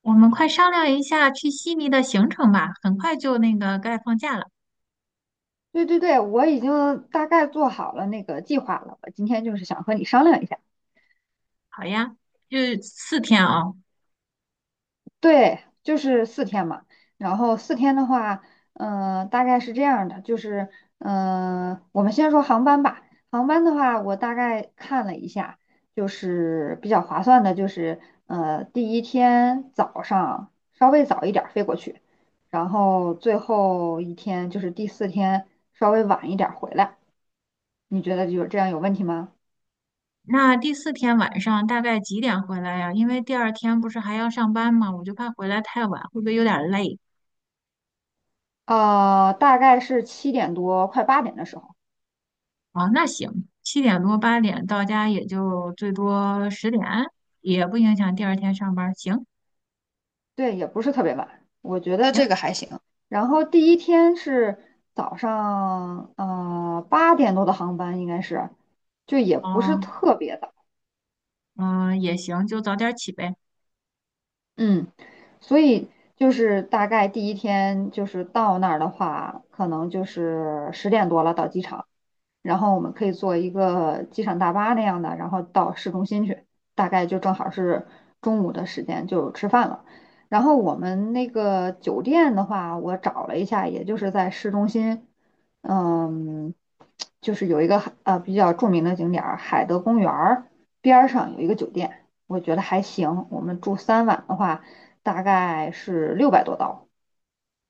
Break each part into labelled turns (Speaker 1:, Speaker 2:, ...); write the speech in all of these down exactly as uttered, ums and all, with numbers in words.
Speaker 1: 我们快商量一下去悉尼的行程吧，很快就那个该放假了。
Speaker 2: 对对对，我已经大概做好了那个计划了。我今天就是想和你商量一下。
Speaker 1: 好呀，就四天啊。
Speaker 2: 对，就是四天嘛。然后四天的话，呃，大概是这样的，就是，呃，我们先说航班吧。航班的话，我大概看了一下，就是比较划算的，就是呃，第一天早上稍微早一点儿飞过去，然后最后一天就是第四天稍微晚一点儿回来。你觉得有这样有问题吗？
Speaker 1: 那第四天晚上大概几点回来呀？因为第二天不是还要上班嘛，我就怕回来太晚，会不会有点累？
Speaker 2: 呃，大概是七点多，快八点的时候。
Speaker 1: 啊？那行，七点多八点到家也就最多十点，也不影响第二天上班。行
Speaker 2: 对，也不是特别晚，我觉得
Speaker 1: 行，
Speaker 2: 这个还行。然后第一天是早上，呃，八点多的航班应该是，就也不是
Speaker 1: 哦，
Speaker 2: 特别早。
Speaker 1: 嗯，也行，就早点起呗。
Speaker 2: 嗯，所以就是大概第一天就是到那儿的话，可能就是十点多了到机场，然后我们可以坐一个机场大巴那样的，然后到市中心去，大概就正好是中午的时间就吃饭了。然后我们那个酒店的话，我找了一下，也就是在市中心。嗯，就是有一个呃比较著名的景点儿海德公园儿边儿上有一个酒店，我觉得还行。我们住三晚的话，大概是六百多刀。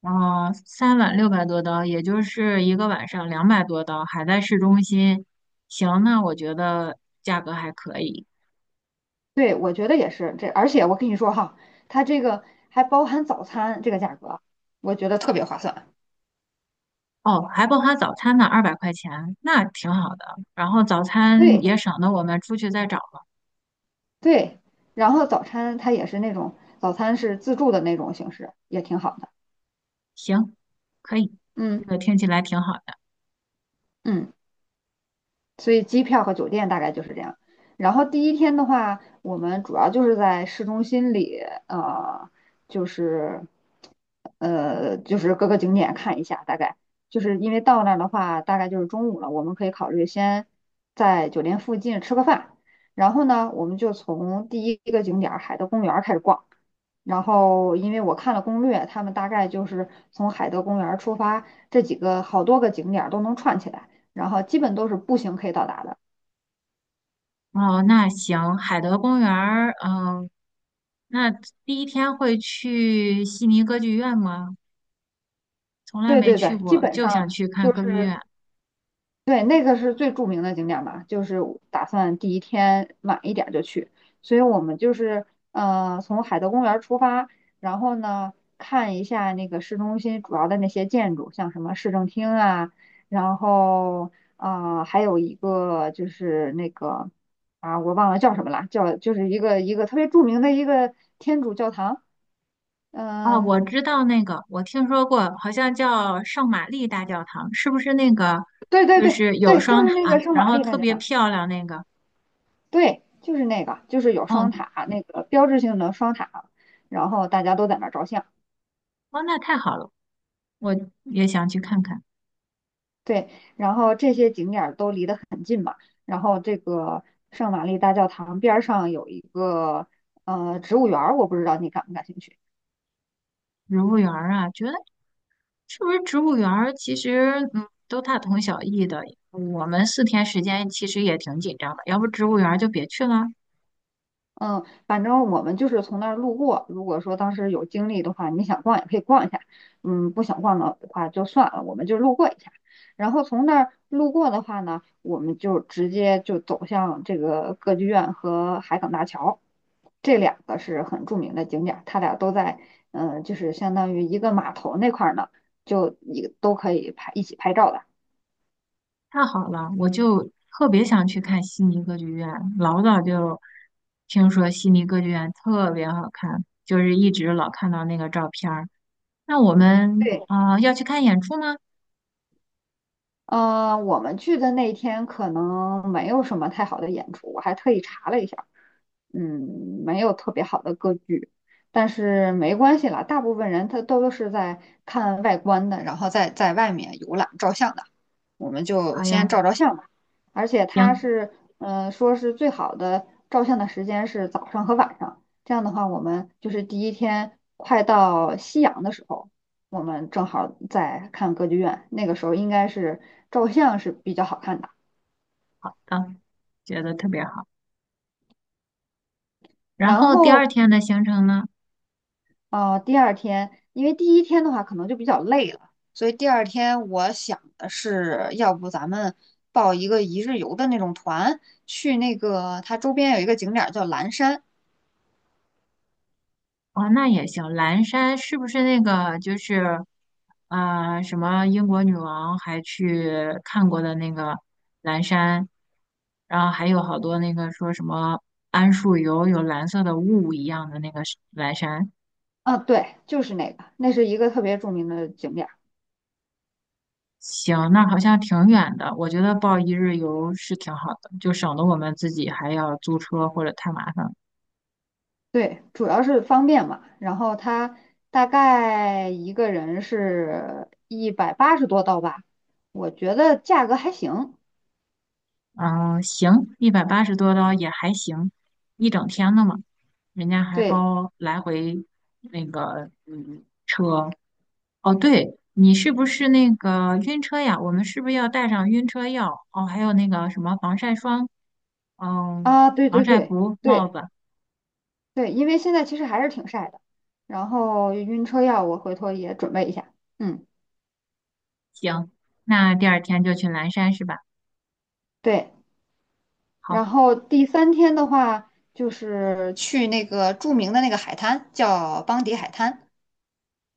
Speaker 1: 然后三晚六百多刀，也就是一个晚上两百多刀，还在市中心。行，那我觉得价格还可以。
Speaker 2: 对，我觉得也是这，而且我跟你说哈，它这个还包含早餐，这个价格我觉得特别划算。
Speaker 1: 哦，还包含早餐呢，二百块钱，那挺好的。然后早餐
Speaker 2: 对
Speaker 1: 也省得我们出去再找了。
Speaker 2: 对，然后早餐它也是那种早餐是自助的那种形式，也挺好的。
Speaker 1: 行，可以，这
Speaker 2: 嗯
Speaker 1: 个听起来挺好的。
Speaker 2: 嗯，所以机票和酒店大概就是这样。然后第一天的话，我们主要就是在市中心里，呃，就是呃，就是各个景点看一下，大概就是因为到那儿的话，大概就是中午了，我们可以考虑先在酒店附近吃个饭，然后呢，我们就从第一个景点儿海德公园儿开始逛。然后，因为我看了攻略，他们大概就是从海德公园儿出发，这几个好多个景点儿都能串起来，然后基本都是步行可以到达的。
Speaker 1: 哦，那行，海德公园儿，嗯，那第一天会去悉尼歌剧院吗？从来
Speaker 2: 对
Speaker 1: 没
Speaker 2: 对
Speaker 1: 去
Speaker 2: 对，基
Speaker 1: 过，
Speaker 2: 本
Speaker 1: 就想
Speaker 2: 上
Speaker 1: 去看
Speaker 2: 就
Speaker 1: 歌剧
Speaker 2: 是
Speaker 1: 院。
Speaker 2: 对，那个是最著名的景点吧，就是打算第一天晚一点就去，所以我们就是呃从海德公园出发，然后呢看一下那个市中心主要的那些建筑，像什么市政厅啊，然后啊呃还有一个就是那个啊我忘了叫什么了，叫就是一个一个特别著名的一个天主教堂。
Speaker 1: 哦，
Speaker 2: 嗯。
Speaker 1: 我知道那个，我听说过，好像叫圣玛丽大教堂，是不是那个？
Speaker 2: 对对
Speaker 1: 就
Speaker 2: 对
Speaker 1: 是有
Speaker 2: 对，就
Speaker 1: 双
Speaker 2: 是那个
Speaker 1: 塔，
Speaker 2: 圣
Speaker 1: 然
Speaker 2: 玛
Speaker 1: 后
Speaker 2: 丽大
Speaker 1: 特
Speaker 2: 教
Speaker 1: 别
Speaker 2: 堂。
Speaker 1: 漂亮那个。
Speaker 2: 对，就是那个，就是有双
Speaker 1: 哦，
Speaker 2: 塔，那个标志性的双塔，然后大家都在那儿照相。
Speaker 1: 哦，那太好了，我也想去看看
Speaker 2: 对，然后这些景点儿都离得很近嘛，然后这个圣玛丽大教堂边儿上有一个呃植物园儿，我不知道你感不感兴趣。
Speaker 1: 植物园儿啊。觉得是不是植物园儿其实嗯都大同小异的，我们四天时间其实也挺紧张的，要不植物园儿就别去了。
Speaker 2: 嗯，反正我们就是从那儿路过。如果说当时有精力的话，你想逛也可以逛一下。嗯，不想逛的话就算了，我们就路过一下。然后从那儿路过的话呢，我们就直接就走向这个歌剧院和海港大桥，这两个是很著名的景点儿，它俩都在，嗯，就是相当于一个码头那块儿呢，就一都可以拍一起拍照的。
Speaker 1: 太好了，我就特别想去看悉尼歌剧院，老早就听说悉尼歌剧院特别好看，就是一直老看到那个照片儿。那我们
Speaker 2: 对。
Speaker 1: 啊、呃要去看演出吗？
Speaker 2: 嗯，我们去的那天可能没有什么太好的演出，我还特意查了一下。嗯，没有特别好的歌剧，但是没关系啦，大部分人他都是在看外观的，然后在在外面游览照相的，我们就
Speaker 1: 好
Speaker 2: 先
Speaker 1: 呀，
Speaker 2: 照照相吧。而且它
Speaker 1: 行，
Speaker 2: 是，嗯，说是最好的照相的时间是早上和晚上，这样的话，我们就是第一天快到夕阳的时候，我们正好在看歌剧院，那个时候应该是照相是比较好看的。
Speaker 1: 到，觉得特别好。然
Speaker 2: 然
Speaker 1: 后第二
Speaker 2: 后
Speaker 1: 天的行程呢？
Speaker 2: 哦，第二天，因为第一天的话可能就比较累了，所以第二天我想的是，要不咱们报一个一日游的那种团，去那个它周边有一个景点儿叫蓝山。
Speaker 1: 哦，那也行。蓝山是不是那个就是，啊，什么英国女王还去看过的那个蓝山？然后还有好多那个说什么桉树油有蓝色的雾一样的那个是蓝山。
Speaker 2: 啊，对，就是那个，那是一个特别著名的景点儿。
Speaker 1: 行，那好像挺远的，我觉得报一日游是挺好的，就省得我们自己还要租车或者太麻烦了。
Speaker 2: 对，主要是方便嘛。然后它大概一个人是一百八十多刀吧，我觉得价格还行。
Speaker 1: 嗯，行，一百八十多刀也还行，一整天的嘛，人家还
Speaker 2: 对。
Speaker 1: 包来回那个嗯车。哦，对，你是不是那个晕车呀？我们是不是要带上晕车药？哦，还有那个什么防晒霜，嗯，
Speaker 2: 啊，对
Speaker 1: 防
Speaker 2: 对
Speaker 1: 晒
Speaker 2: 对。
Speaker 1: 服、帽
Speaker 2: 对，
Speaker 1: 子。
Speaker 2: 对，因为现在其实还是挺晒的，然后晕车药我回头也准备一下。嗯。
Speaker 1: 行，那第二天就去蓝山是吧？
Speaker 2: 对，然
Speaker 1: 好，
Speaker 2: 后第三天的话，就是去那个著名的那个海滩，叫邦迪海滩。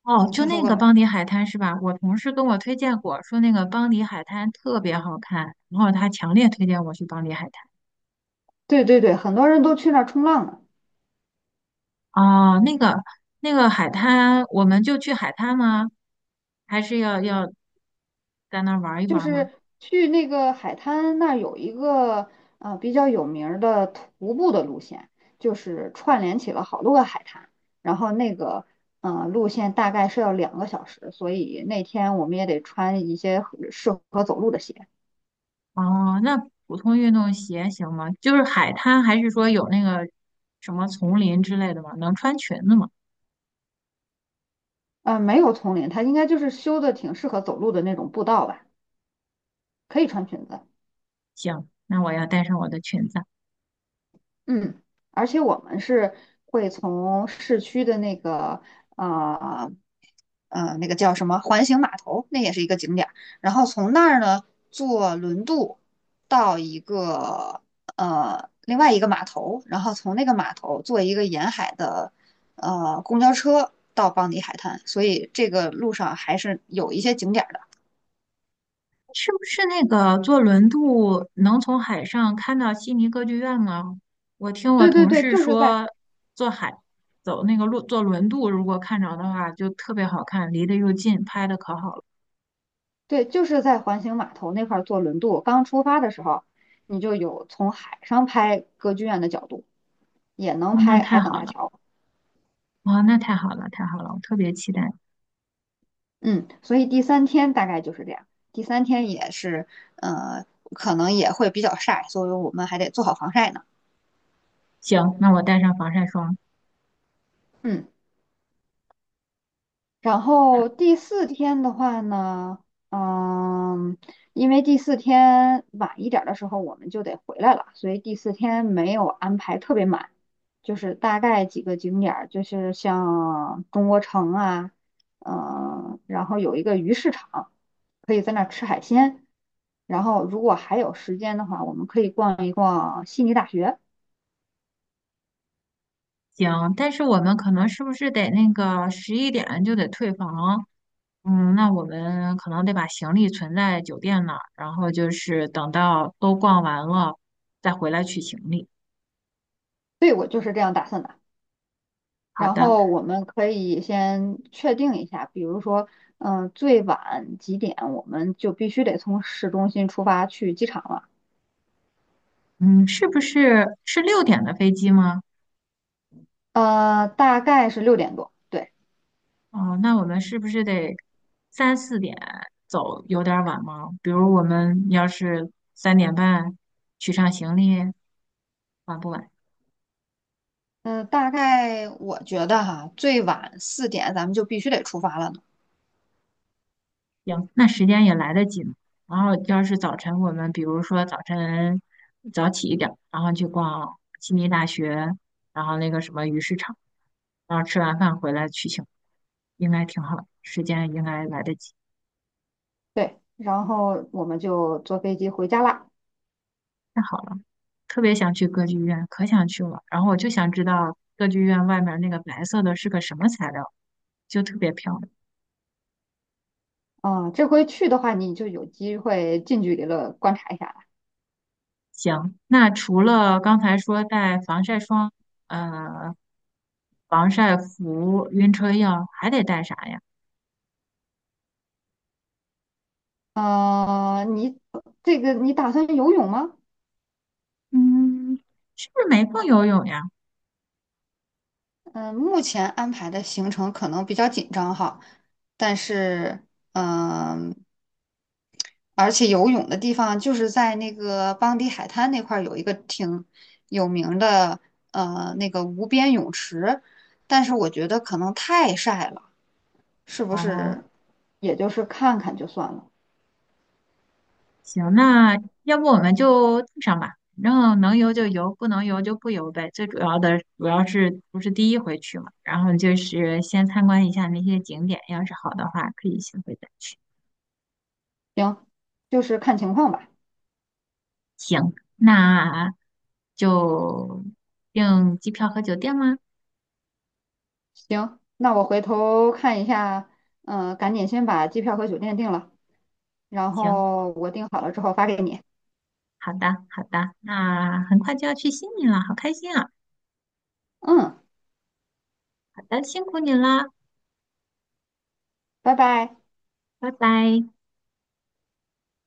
Speaker 1: 哦，
Speaker 2: 你
Speaker 1: 就
Speaker 2: 听说
Speaker 1: 那
Speaker 2: 过
Speaker 1: 个
Speaker 2: 吗？
Speaker 1: 邦迪海滩是吧？我同事跟我推荐过，说那个邦迪海滩特别好看，然后他强烈推荐我去邦迪海滩。
Speaker 2: 对对对，很多人都去那儿冲浪呢。
Speaker 1: 哦，那个那个海滩，我们就去海滩吗？还是要要在那儿玩一
Speaker 2: 就
Speaker 1: 玩吗？
Speaker 2: 是去那个海滩那儿有一个呃比较有名儿的徒步的路线，就是串联起了好多个海滩，然后那个呃路线大概是要两个小时，所以那天我们也得穿一些合适合走路的鞋。
Speaker 1: 哦，那普通运动鞋行吗？就是海滩，还是说有那个什么丛林之类的吗？能穿裙子吗？
Speaker 2: 呃，没有丛林，它应该就是修的挺适合走路的那种步道吧，可以穿裙子。
Speaker 1: 行，那我要带上我的裙子。
Speaker 2: 嗯，而且我们是会从市区的那个呃呃那个叫什么环形码头，那也是一个景点儿，然后从那儿呢坐轮渡到一个呃另外一个码头，然后从那个码头坐一个沿海的呃公交车到邦迪海滩，所以这个路上还是有一些景点儿的。
Speaker 1: 是不是那个坐轮渡能从海上看到悉尼歌剧院吗？我听我
Speaker 2: 对对
Speaker 1: 同
Speaker 2: 对，
Speaker 1: 事
Speaker 2: 就是在
Speaker 1: 说，坐海走那个路坐轮渡，如果看着的话，就特别好看，离得又近，拍的可好了。
Speaker 2: 对，就是在环形码头那块儿坐轮渡，刚出发的时候，你就有从海上拍歌剧院的角度，也能
Speaker 1: 哦，那
Speaker 2: 拍
Speaker 1: 太
Speaker 2: 海港
Speaker 1: 好
Speaker 2: 大
Speaker 1: 了，
Speaker 2: 桥。
Speaker 1: 哦，那太好了，太好了，我特别期待。
Speaker 2: 嗯，所以第三天大概就是这样。第三天也是，呃，可能也会比较晒，所以我们还得做好防晒呢。
Speaker 1: 行，那我带上防晒霜。
Speaker 2: 嗯。然
Speaker 1: 嗯
Speaker 2: 后第四天的话呢。嗯，因为第四天晚一点儿的时候我们就得回来了，所以第四天没有安排特别满，就是大概几个景点儿，就是像中国城啊，嗯，然后有一个鱼市场，可以在那儿吃海鲜。然后如果还有时间的话，我们可以逛一逛悉尼大学。
Speaker 1: 行，但是我们可能是不是得那个十一点就得退房？嗯，那我们可能得把行李存在酒店那儿，然后就是等到都逛完了再回来取行李。
Speaker 2: 对，我就是这样打算的。
Speaker 1: 好
Speaker 2: 然
Speaker 1: 的，
Speaker 2: 后我们可以先确定一下，比如说，嗯、最晚几点我们就必须得从市中心出发去机场了。
Speaker 1: 嗯，是不是是六点的飞机吗？
Speaker 2: 呃，大概是六点多。对。
Speaker 1: 哦，那我们是不是得三四点走，有点儿晚吗？比如我们要是三点半取上行李，晚不晚？
Speaker 2: 嗯、大概我觉得哈，最晚四点咱们就必须得出发了呢。
Speaker 1: 行，那时间也来得及然后要是早晨，我们比如说早晨早起一点儿，然后去逛悉尼大学，然后那个什么鱼市场，然后吃完饭回来去醒，应该挺好的，时间应该来得及。
Speaker 2: 对，然后我们就坐飞机回家啦。
Speaker 1: 太好了，特别想去歌剧院，可想去了。然后我就想知道歌剧院外面那个白色的是个什么材料，就特别漂亮。
Speaker 2: 啊、这回去的话，你就有机会近距离的观察一下了。
Speaker 1: 行，那除了刚才说带防晒霜，呃，防晒服、晕车药，还得带啥呀？
Speaker 2: 呃，你这个你打算游泳吗？
Speaker 1: 嗯，是不是没空游泳呀？
Speaker 2: 嗯，目前安排的行程可能比较紧张哈，但是嗯，而且游泳的地方就是在那个邦迪海滩那块儿有一个挺有名的呃那个无边泳池，但是我觉得可能太晒了，是不
Speaker 1: 哦，
Speaker 2: 是？也就是看看就算了。
Speaker 1: 行，那要不我们就带上吧，反正能游就游，不能游就不游呗。最主要的主要是不是第一回去嘛，然后就是先参观一下那些景点，要是好的话可以下回再去。
Speaker 2: 行，就是看情况吧。
Speaker 1: 行，那就订机票和酒店吗？
Speaker 2: 行，那我回头看一下。嗯、赶紧先把机票和酒店定了，然
Speaker 1: 行，
Speaker 2: 后我定好了之后发给你。
Speaker 1: 好的，好的，那很快就要去悉尼了，好开心啊！
Speaker 2: 嗯。
Speaker 1: 好的，辛苦你啦。
Speaker 2: 拜拜。
Speaker 1: 拜拜。